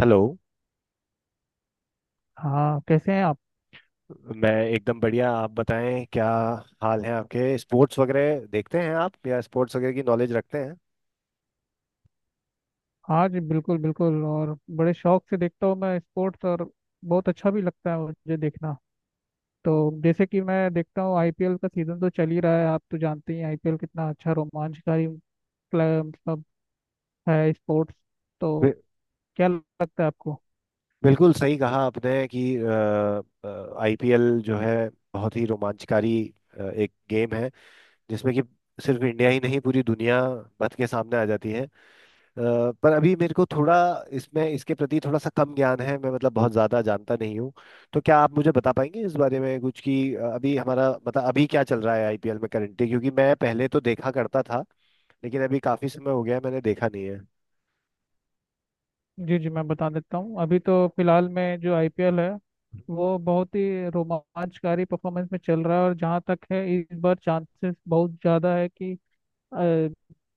Hello. हाँ, कैसे हैं आप? मैं एकदम बढ़िया। आप बताएं क्या हाल है आपके। स्पोर्ट्स वगैरह देखते हैं आप, या स्पोर्ट्स वगैरह की नॉलेज रखते हैं? आज बिल्कुल बिल्कुल, और बड़े शौक से देखता हूँ मैं स्पोर्ट्स, और बहुत अच्छा भी लगता है मुझे देखना। तो जैसे कि मैं देखता हूँ, आईपीएल का सीजन तो चल ही रहा है, आप तो जानते ही हैं आईपीएल कितना अच्छा रोमांचकारी मतलब है स्पोर्ट्स। तो बि- क्या लगता है आपको? बिल्कुल सही कहा आपने कि आईपीएल जो है बहुत ही रोमांचकारी एक गेम है, जिसमें कि सिर्फ इंडिया ही नहीं पूरी दुनिया बत के सामने आ जाती है। अ, पर अभी मेरे को थोड़ा इसमें इसके प्रति थोड़ा सा कम ज्ञान है। मैं मतलब बहुत ज़्यादा जानता नहीं हूँ। तो क्या आप मुझे बता पाएंगे इस बारे में कुछ, कि अभी हमारा मतलब अभी क्या चल रहा है आईपीएल में करंटली, क्योंकि मैं पहले तो देखा करता था, लेकिन अभी काफ़ी समय हो गया है मैंने देखा नहीं है। जी जी, मैं बता देता हूँ। अभी तो फिलहाल में जो आईपीएल है वो बहुत ही रोमांचकारी परफॉर्मेंस में चल रहा है, और जहाँ तक है इस बार चांसेस बहुत ज़्यादा है कि अ,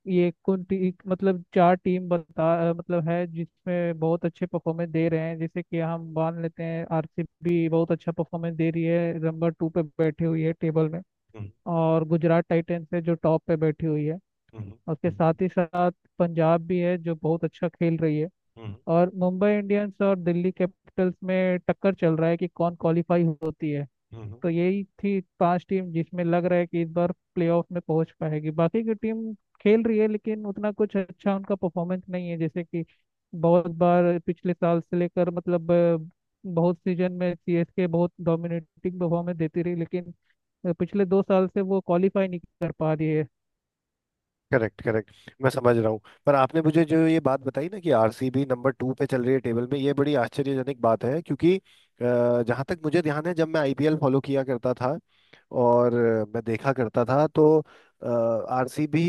ये कुंती मतलब चार टीम बता मतलब है जिसमें बहुत अच्छे परफॉर्मेंस दे रहे हैं। जैसे कि हम मान लेते हैं, आरसीबी बहुत अच्छा परफॉर्मेंस दे रही है, नंबर टू पे बैठी हुई है टेबल में। हम्म। और गुजरात टाइटंस है जो टॉप पे बैठी हुई है। हम्म। उसके हम्म। साथ ही साथ पंजाब भी है जो बहुत अच्छा खेल रही है। हम्म। और मुंबई इंडियंस और दिल्ली कैपिटल्स में टक्कर चल रहा है कि कौन क्वालिफाई होती है। हम्म। तो यही थी पांच टीम जिसमें लग रहा है कि इस बार प्लेऑफ में पहुंच पाएगी। बाकी की टीम खेल रही है लेकिन उतना कुछ अच्छा उनका परफॉर्मेंस नहीं है। जैसे कि बहुत बार पिछले साल से लेकर मतलब बहुत सीजन में सीएसके बहुत डोमिनेटिंग परफॉर्मेंस देती रही, लेकिन पिछले दो साल से वो क्वालिफाई नहीं कर पा रही है। Correct correct. मैं समझ रहा हूँ। पर आपने मुझे जो ये बात बताई ना, कि आरसीबी नंबर टू पे चल रही है टेबल में, ये बड़ी आश्चर्यजनक बात है। क्योंकि जहाँ तक मुझे ध्यान है, जब मैं आईपीएल फॉलो किया करता था और मैं देखा करता था, तो आरसीबी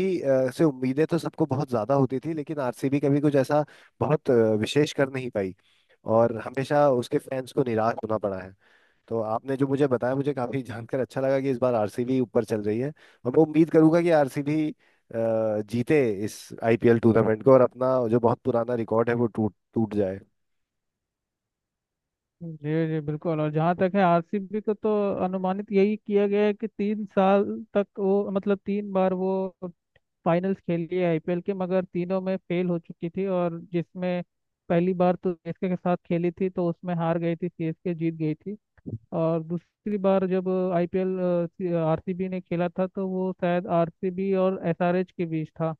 से उम्मीदें तो सबको बहुत ज़्यादा होती थी, लेकिन आरसीबी कभी कुछ ऐसा बहुत विशेष कर नहीं पाई, और हमेशा उसके फैंस को निराश होना पड़ा है। तो आपने जो मुझे बताया मुझे काफी जानकर अच्छा लगा, कि इस बार आरसीबी ऊपर चल रही है, और मैं उम्मीद करूंगा कि आरसीबी जीते इस आईपीएल टूर्नामेंट को, और अपना जो बहुत पुराना रिकॉर्ड है वो टूट टूट जाए। जी जी बिल्कुल। और जहाँ तक है आरसीबी को, तो अनुमानित यही किया गया है कि तीन साल तक वो मतलब तीन बार वो फाइनल्स खेली है आईपीएल के, मगर तीनों में फेल हो चुकी थी। और जिसमें पहली बार तो सीएसके के साथ खेली थी, तो उसमें हार गई थी, सीएसके जीत गई थी। और दूसरी बार जब आईपीएल आरसीबी ने खेला था तो वो शायद आरसीबी और एसआरएच के बीच था,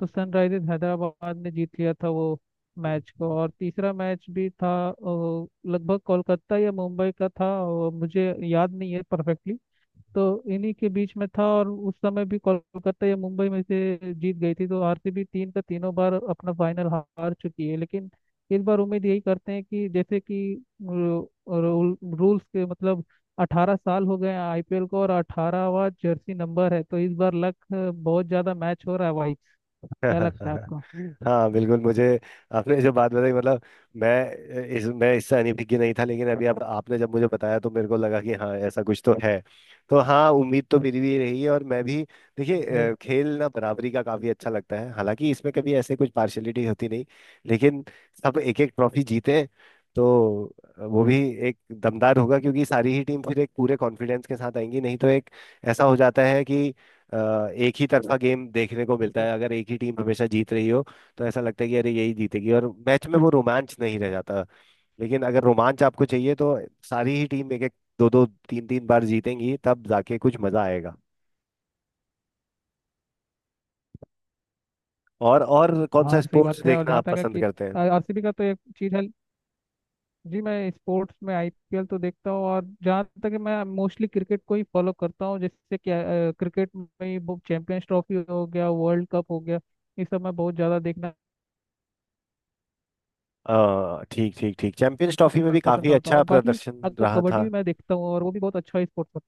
तो सनराइजर्स हैदराबाद ने जीत लिया था वो मैच को। और तीसरा मैच भी था लगभग कोलकाता या मुंबई का था, और मुझे याद नहीं है परफेक्टली, तो इन्हीं के बीच में था। और उस समय भी कोलकाता या मुंबई में से जीत गई थी, तो आरसीबी तीन का तीनों बार अपना फाइनल हार चुकी है। लेकिन इस बार उम्मीद यही करते हैं कि जैसे कि रूल्स के मतलब 18 साल हो गए हैं आईपीएल को, और 18वां जर्सी नंबर है, तो इस बार लक बहुत ज्यादा मैच हो रहा है भाई। क्या लगता है आपको? हाँ बिल्कुल। मुझे आपने जो बात बताई मतलब मैं इससे अनभिज्ञ नहीं था, लेकिन अभी आप आपने जब मुझे बताया तो मेरे को लगा कि हाँ ऐसा कुछ तो है। तो हाँ, उम्मीद तो मेरी भी रही है, और मैं भी जी देखिए खेल ना बराबरी का काफी अच्छा लगता है। हालांकि इसमें कभी ऐसे कुछ पार्शलिटी होती नहीं, लेकिन सब एक एक ट्रॉफी जीते तो वो भी एक दमदार होगा। क्योंकि सारी ही टीम फिर एक पूरे कॉन्फिडेंस के साथ आएंगी, नहीं तो एक ऐसा हो जाता है कि अ, एक ही तरफा गेम देखने को मिलता जी। है, अगर एक ही टीम हमेशा जीत रही हो। तो ऐसा लगता है कि अरे यही जीतेगी, और मैच में वो रोमांच नहीं रह जाता। लेकिन अगर रोमांच आपको चाहिए, तो सारी ही टीम एक एक दो दो तीन तीन बार जीतेंगी, तब जाके कुछ मजा आएगा। और कौन सा हाँ सही स्पोर्ट्स बात है। और देखना जहाँ आप तक है पसंद कि करते हैं? आरसीबी का, तो एक चीज है जी, मैं स्पोर्ट्स में आईपीएल तो देखता हूँ, और जहाँ तक है मैं मोस्टली क्रिकेट को ही फॉलो करता हूँ। जैसे कि क्रिकेट में ही वो चैंपियंस ट्रॉफी हो गया, वर्ल्ड कप हो गया, ये सब मैं बहुत ज़्यादा देखना ठीक ठीक ठीक। चैंपियंस ट्रॉफी में भी पसंद काफी करता हूँ। अच्छा और बाकी प्रदर्शन अब तो रहा था। कबड्डी भी मैं देखता हूँ, और वो भी बहुत अच्छा स्पोर्ट्स।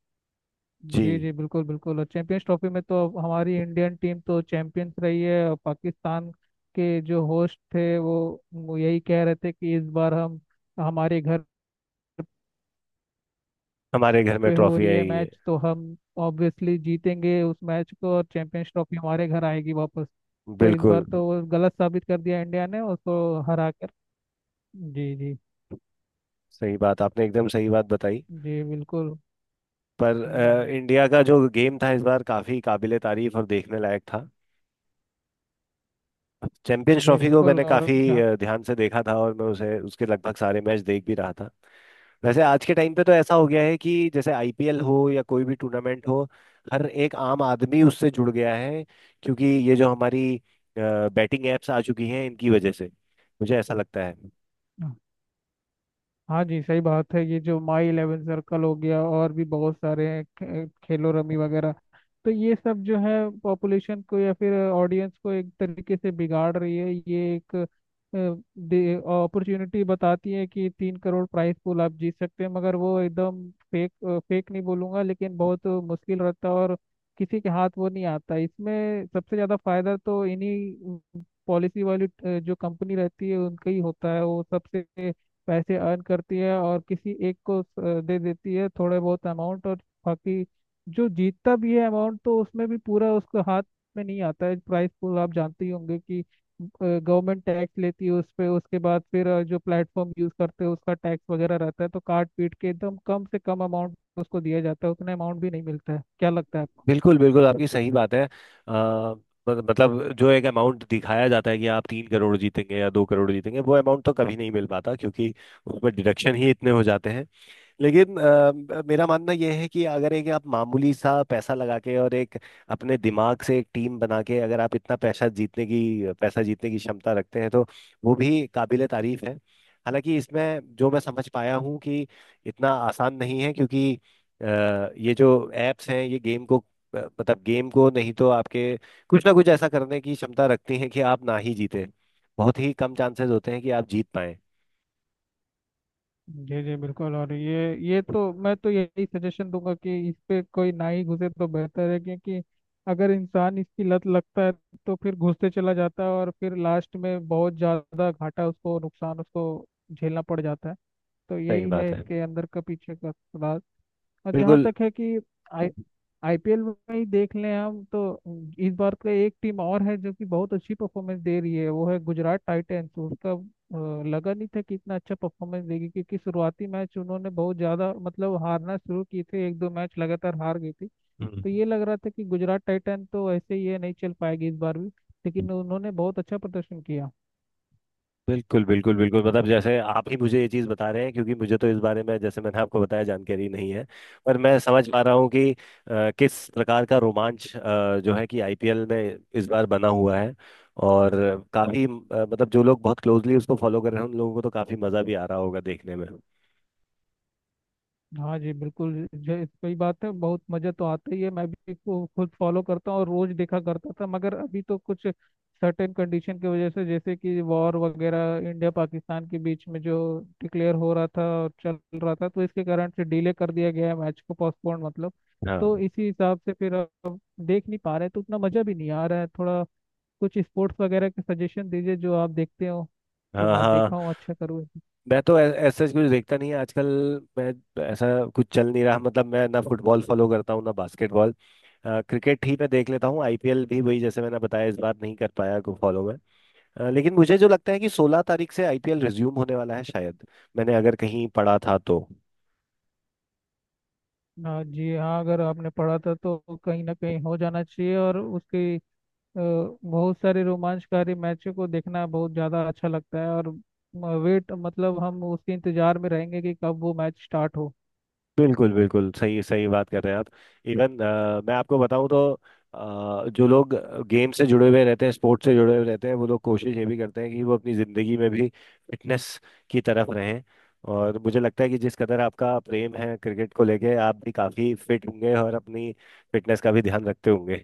जी। जी जी बिल्कुल बिल्कुल। और चैंपियंस ट्रॉफी में तो अब हमारी इंडियन टीम तो चैंपियंस रही है। और पाकिस्तान के जो होस्ट थे वो यही कह रहे थे कि इस बार हम, हमारे घर हमारे घर में पे हो ट्रॉफी रही है आई है। मैच तो हम ऑब्वियसली जीतेंगे उस मैच को, और चैंपियंस ट्रॉफी हमारे घर आएगी वापस। तो इस बिल्कुल। बार तो वो गलत साबित कर दिया इंडिया ने उसको हरा कर। जी जी। सही बात आपने एकदम सही बात बताई। जी बिल्कुल। पर हम्म, इंडिया का जो गेम था इस बार काफ़ी काबिले तारीफ और देखने लायक था। चैंपियंस जी ट्रॉफी को बिल्कुल। मैंने और काफ़ी जहाँ- ध्यान से देखा था, और मैं उसे उसके लगभग सारे मैच देख भी रहा था। वैसे आज के टाइम पे तो ऐसा हो गया है कि जैसे आईपीएल हो या कोई भी टूर्नामेंट हो, हर एक आम आदमी उससे जुड़ गया है। क्योंकि ये जो हमारी बैटिंग एप्स आ चुकी हैं इनकी वजह से, मुझे ऐसा लगता है। हाँ जी सही बात है। ये जो माई इलेवन सर्कल हो गया, और भी बहुत सारे हैं, खेलो रमी वगैरह, तो ये सब जो है पॉपुलेशन को या फिर ऑडियंस को एक तरीके से बिगाड़ रही है। ये एक अपॉर्चुनिटी बताती है कि तीन करोड़ प्राइस पूल आप जीत सकते हैं, मगर वो एकदम फेक, फेक नहीं बोलूंगा लेकिन बहुत मुश्किल रहता है। और किसी के हाथ वो नहीं आता। इसमें सबसे ज़्यादा फायदा तो इन्हीं पॉलिसी वाली जो कंपनी रहती है उनका ही होता है। वो सबसे पैसे अर्न करती है, और किसी एक को दे देती है थोड़े बहुत अमाउंट। और बाकी जो जीतता भी है अमाउंट, तो उसमें भी पूरा उसका हाथ में नहीं आता है। प्राइस पूल आप जानते ही होंगे कि गवर्नमेंट टैक्स लेती है उस पे, उसके बाद फिर जो प्लेटफॉर्म यूज करते हैं उसका टैक्स वगैरह रहता है, तो काट पीट के एकदम कम से कम अमाउंट उसको दिया जाता है, उतना अमाउंट भी नहीं मिलता है। क्या लगता है आपको? बिल्कुल बिल्कुल, आपकी सही बात है। अ, मतलब जो एक अमाउंट दिखाया जाता है कि आप 3 करोड़ जीतेंगे या 2 करोड़ जीतेंगे, वो अमाउंट तो कभी नहीं मिल पाता, क्योंकि उस पर डिडक्शन ही इतने हो जाते हैं। लेकिन मेरा मानना यह है कि अगर एक आप मामूली सा पैसा लगा के और एक अपने दिमाग से एक टीम बना के अगर आप इतना पैसा जीतने की क्षमता रखते हैं, तो वो भी काबिले तारीफ है। हालांकि इसमें जो मैं समझ पाया हूँ कि इतना आसान नहीं है, क्योंकि अ, ये जो एप्स हैं ये गेम को मतलब गेम को नहीं तो आपके कुछ ना कुछ ऐसा करने की क्षमता रखती हैं कि आप ना ही जीते। बहुत ही कम चांसेस होते हैं कि आप जीत पाए। जी जी बिल्कुल। और ये तो मैं तो यही सजेशन दूंगा कि इस पे कोई ना ही घुसे तो बेहतर है, क्योंकि अगर इंसान इसकी लत लगता है तो फिर घुसते चला जाता है, और फिर लास्ट में बहुत ज़्यादा घाटा उसको, नुकसान उसको झेलना पड़ जाता है। तो सही यही है बात है। इसके अंदर का, पीछे का राज। और जहाँ बिल्कुल। तक है कि आईपीएल में ही देख लें हम, तो इस बार का एक टीम और है जो कि बहुत अच्छी परफॉर्मेंस दे रही है, वो है गुजरात टाइटंस। उसका लगा नहीं था कि इतना अच्छा परफॉर्मेंस देगी, क्योंकि शुरुआती मैच उन्होंने बहुत ज़्यादा मतलब हारना शुरू किए थे, एक दो मैच लगातार हार गई थी। हम्म। तो ये लग रहा था कि गुजरात टाइटन तो ऐसे ही है, नहीं चल पाएगी इस बार भी, लेकिन उन्होंने बहुत अच्छा प्रदर्शन किया। बिल्कुल बिल्कुल बिल्कुल, मतलब जैसे आप ही मुझे ये चीज़ बता रहे हैं, क्योंकि मुझे तो इस बारे में जैसे मैंने आपको बताया जानकारी नहीं है। पर मैं समझ पा रहा हूँ कि किस प्रकार का रोमांच जो है कि आईपीएल में इस बार बना हुआ है। और काफ़ी मतलब जो लोग बहुत क्लोजली उसको फॉलो कर रहे हैं उन लोगों को तो काफ़ी मज़ा भी आ रहा होगा देखने में। हाँ जी बिल्कुल जो सही बात है, बहुत मज़ा तो आता ही है। मैं भी को खुद फॉलो करता हूँ, और रोज देखा करता था, मगर अभी तो कुछ सर्टेन कंडीशन की वजह से, जैसे कि वॉर वगैरह इंडिया पाकिस्तान के बीच में जो डिक्लेयर हो रहा था और चल रहा था, तो इसके कारण से डिले कर दिया गया है मैच को, पोस्टपोन मतलब। तो हाँ इसी हिसाब से फिर अब देख नहीं पा रहे, तो उतना मज़ा भी नहीं आ रहा है थोड़ा। कुछ स्पोर्ट्स वगैरह के सजेशन दीजिए जो आप देखते हो, तो हाँ मैं हाँ। देखा हूँ, अच्छा करूँ। मैं तो ऐसा कुछ देखता नहीं है आजकल। मैं ऐसा कुछ चल नहीं रहा, मतलब मैं ना फुटबॉल फॉलो करता हूँ ना बास्केटबॉल। क्रिकेट ही मैं देख लेता हूँ, आईपीएल भी वही जैसे मैंने बताया इस बार नहीं कर पाया को फॉलो में। लेकिन मुझे जो लगता है कि 16 तारीख से आईपीएल रिज्यूम होने वाला है शायद, मैंने अगर कहीं पढ़ा था तो। हाँ जी हाँ, अगर आपने पढ़ा था तो कहीं ना कहीं हो जाना चाहिए। और उसकी बहुत सारे रोमांचकारी मैचों को देखना बहुत ज़्यादा अच्छा लगता है, और वेट मतलब हम उसके इंतजार में रहेंगे कि कब वो मैच स्टार्ट हो। बिल्कुल बिल्कुल, सही सही बात कर रहे हैं आप। इवन मैं आपको बताऊं तो जो लोग गेम से जुड़े हुए रहते हैं, स्पोर्ट्स से जुड़े हुए रहते हैं, वो लोग कोशिश ये भी करते हैं कि वो अपनी ज़िंदगी में भी फिटनेस की तरफ रहें। और मुझे लगता है कि जिस कदर आपका प्रेम है क्रिकेट को लेके, आप भी काफ़ी फिट होंगे और अपनी फिटनेस का भी ध्यान रखते होंगे।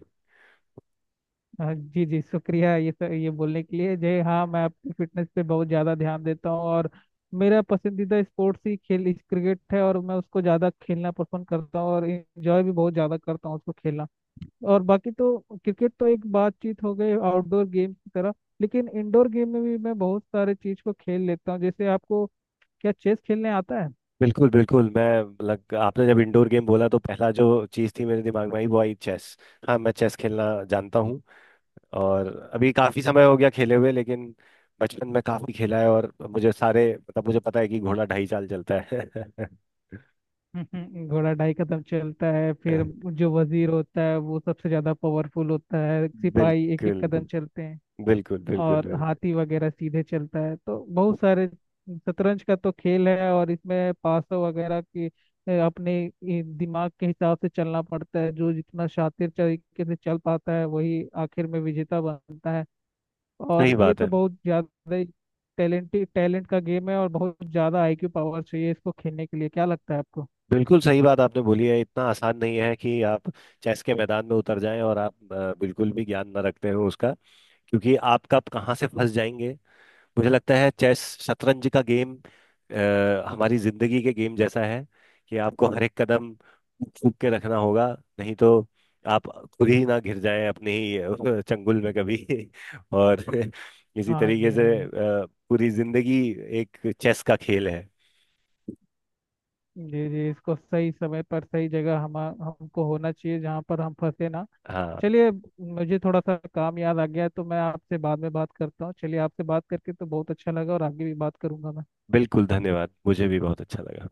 हाँ जी जी, शुक्रिया ये सब ये बोलने के लिए जय। हाँ, मैं अपनी फिटनेस पे बहुत ज़्यादा ध्यान देता हूँ, और मेरा पसंदीदा स्पोर्ट्स ही खेल क्रिकेट है, और मैं उसको ज़्यादा खेलना पसंद करता हूँ, और इंजॉय भी बहुत ज़्यादा करता हूँ उसको खेलना। और बाकी तो क्रिकेट तो एक बातचीत हो गई आउटडोर गेम की तरह, लेकिन इंडोर गेम में भी मैं बहुत सारे चीज को खेल लेता हूँ। जैसे आपको क्या चेस खेलने आता है? बिल्कुल बिल्कुल, मैं लग आपने जब इंडोर गेम बोला तो पहला जो चीज़ थी मेरे दिमाग में आई वो आई चेस। हाँ मैं चेस खेलना जानता हूँ, और अभी काफी समय हो गया खेले हुए, लेकिन बचपन में काफी खेला है। और मुझे सारे मतलब मुझे पता है कि घोड़ा ढाई चाल चलता है। घोड़ा ढाई कदम चलता है, फिर जो वजीर होता है वो सबसे ज्यादा पावरफुल होता है, सिपाही एक एक बिल्कुल कदम चलते हैं, बिल्कुल बिल्कुल और बिल्कुल। हाथी वगैरह सीधे चलता है। तो बहुत सारे शतरंज का तो खेल है, और इसमें पासों वगैरह की अपने ये दिमाग के हिसाब से चलना पड़ता है। जो जितना शातिर तरीके से चल पाता है वही आखिर में विजेता बनता है। सही और ये बात तो है। बहुत ज्यादा ही टैलेंटेड, टैलेंट का गेम है, और बहुत ज्यादा आईक्यू पावर चाहिए इसको खेलने के लिए। क्या लगता है आपको? बिल्कुल सही बात आपने बोली है। इतना आसान नहीं है कि आप चेस के मैदान में उतर जाएं और आप बिल्कुल भी ज्ञान न रखते हो उसका। क्योंकि आप कब कहाँ से फंस जाएंगे। मुझे लगता है चेस शतरंज का गेम हमारी जिंदगी के गेम जैसा है, कि आपको हर एक कदम फूक के रखना होगा, नहीं तो आप खुद ही ना घिर जाएं अपनी ही चंगुल में कभी। और इसी हाँ तरीके जी हाँ से जी। पूरी जिंदगी एक चेस का खेल है। जी जी, इसको सही समय पर सही जगह हम हमको होना चाहिए, जहाँ पर हम फंसे ना। हाँ चलिए, मुझे थोड़ा सा काम याद आ गया है, तो मैं आपसे बाद में बात करता हूँ। चलिए, आपसे बात करके तो बहुत अच्छा लगा, और आगे भी बात करूंगा मैं। बिल्कुल धन्यवाद, मुझे भी बहुत अच्छा लगा।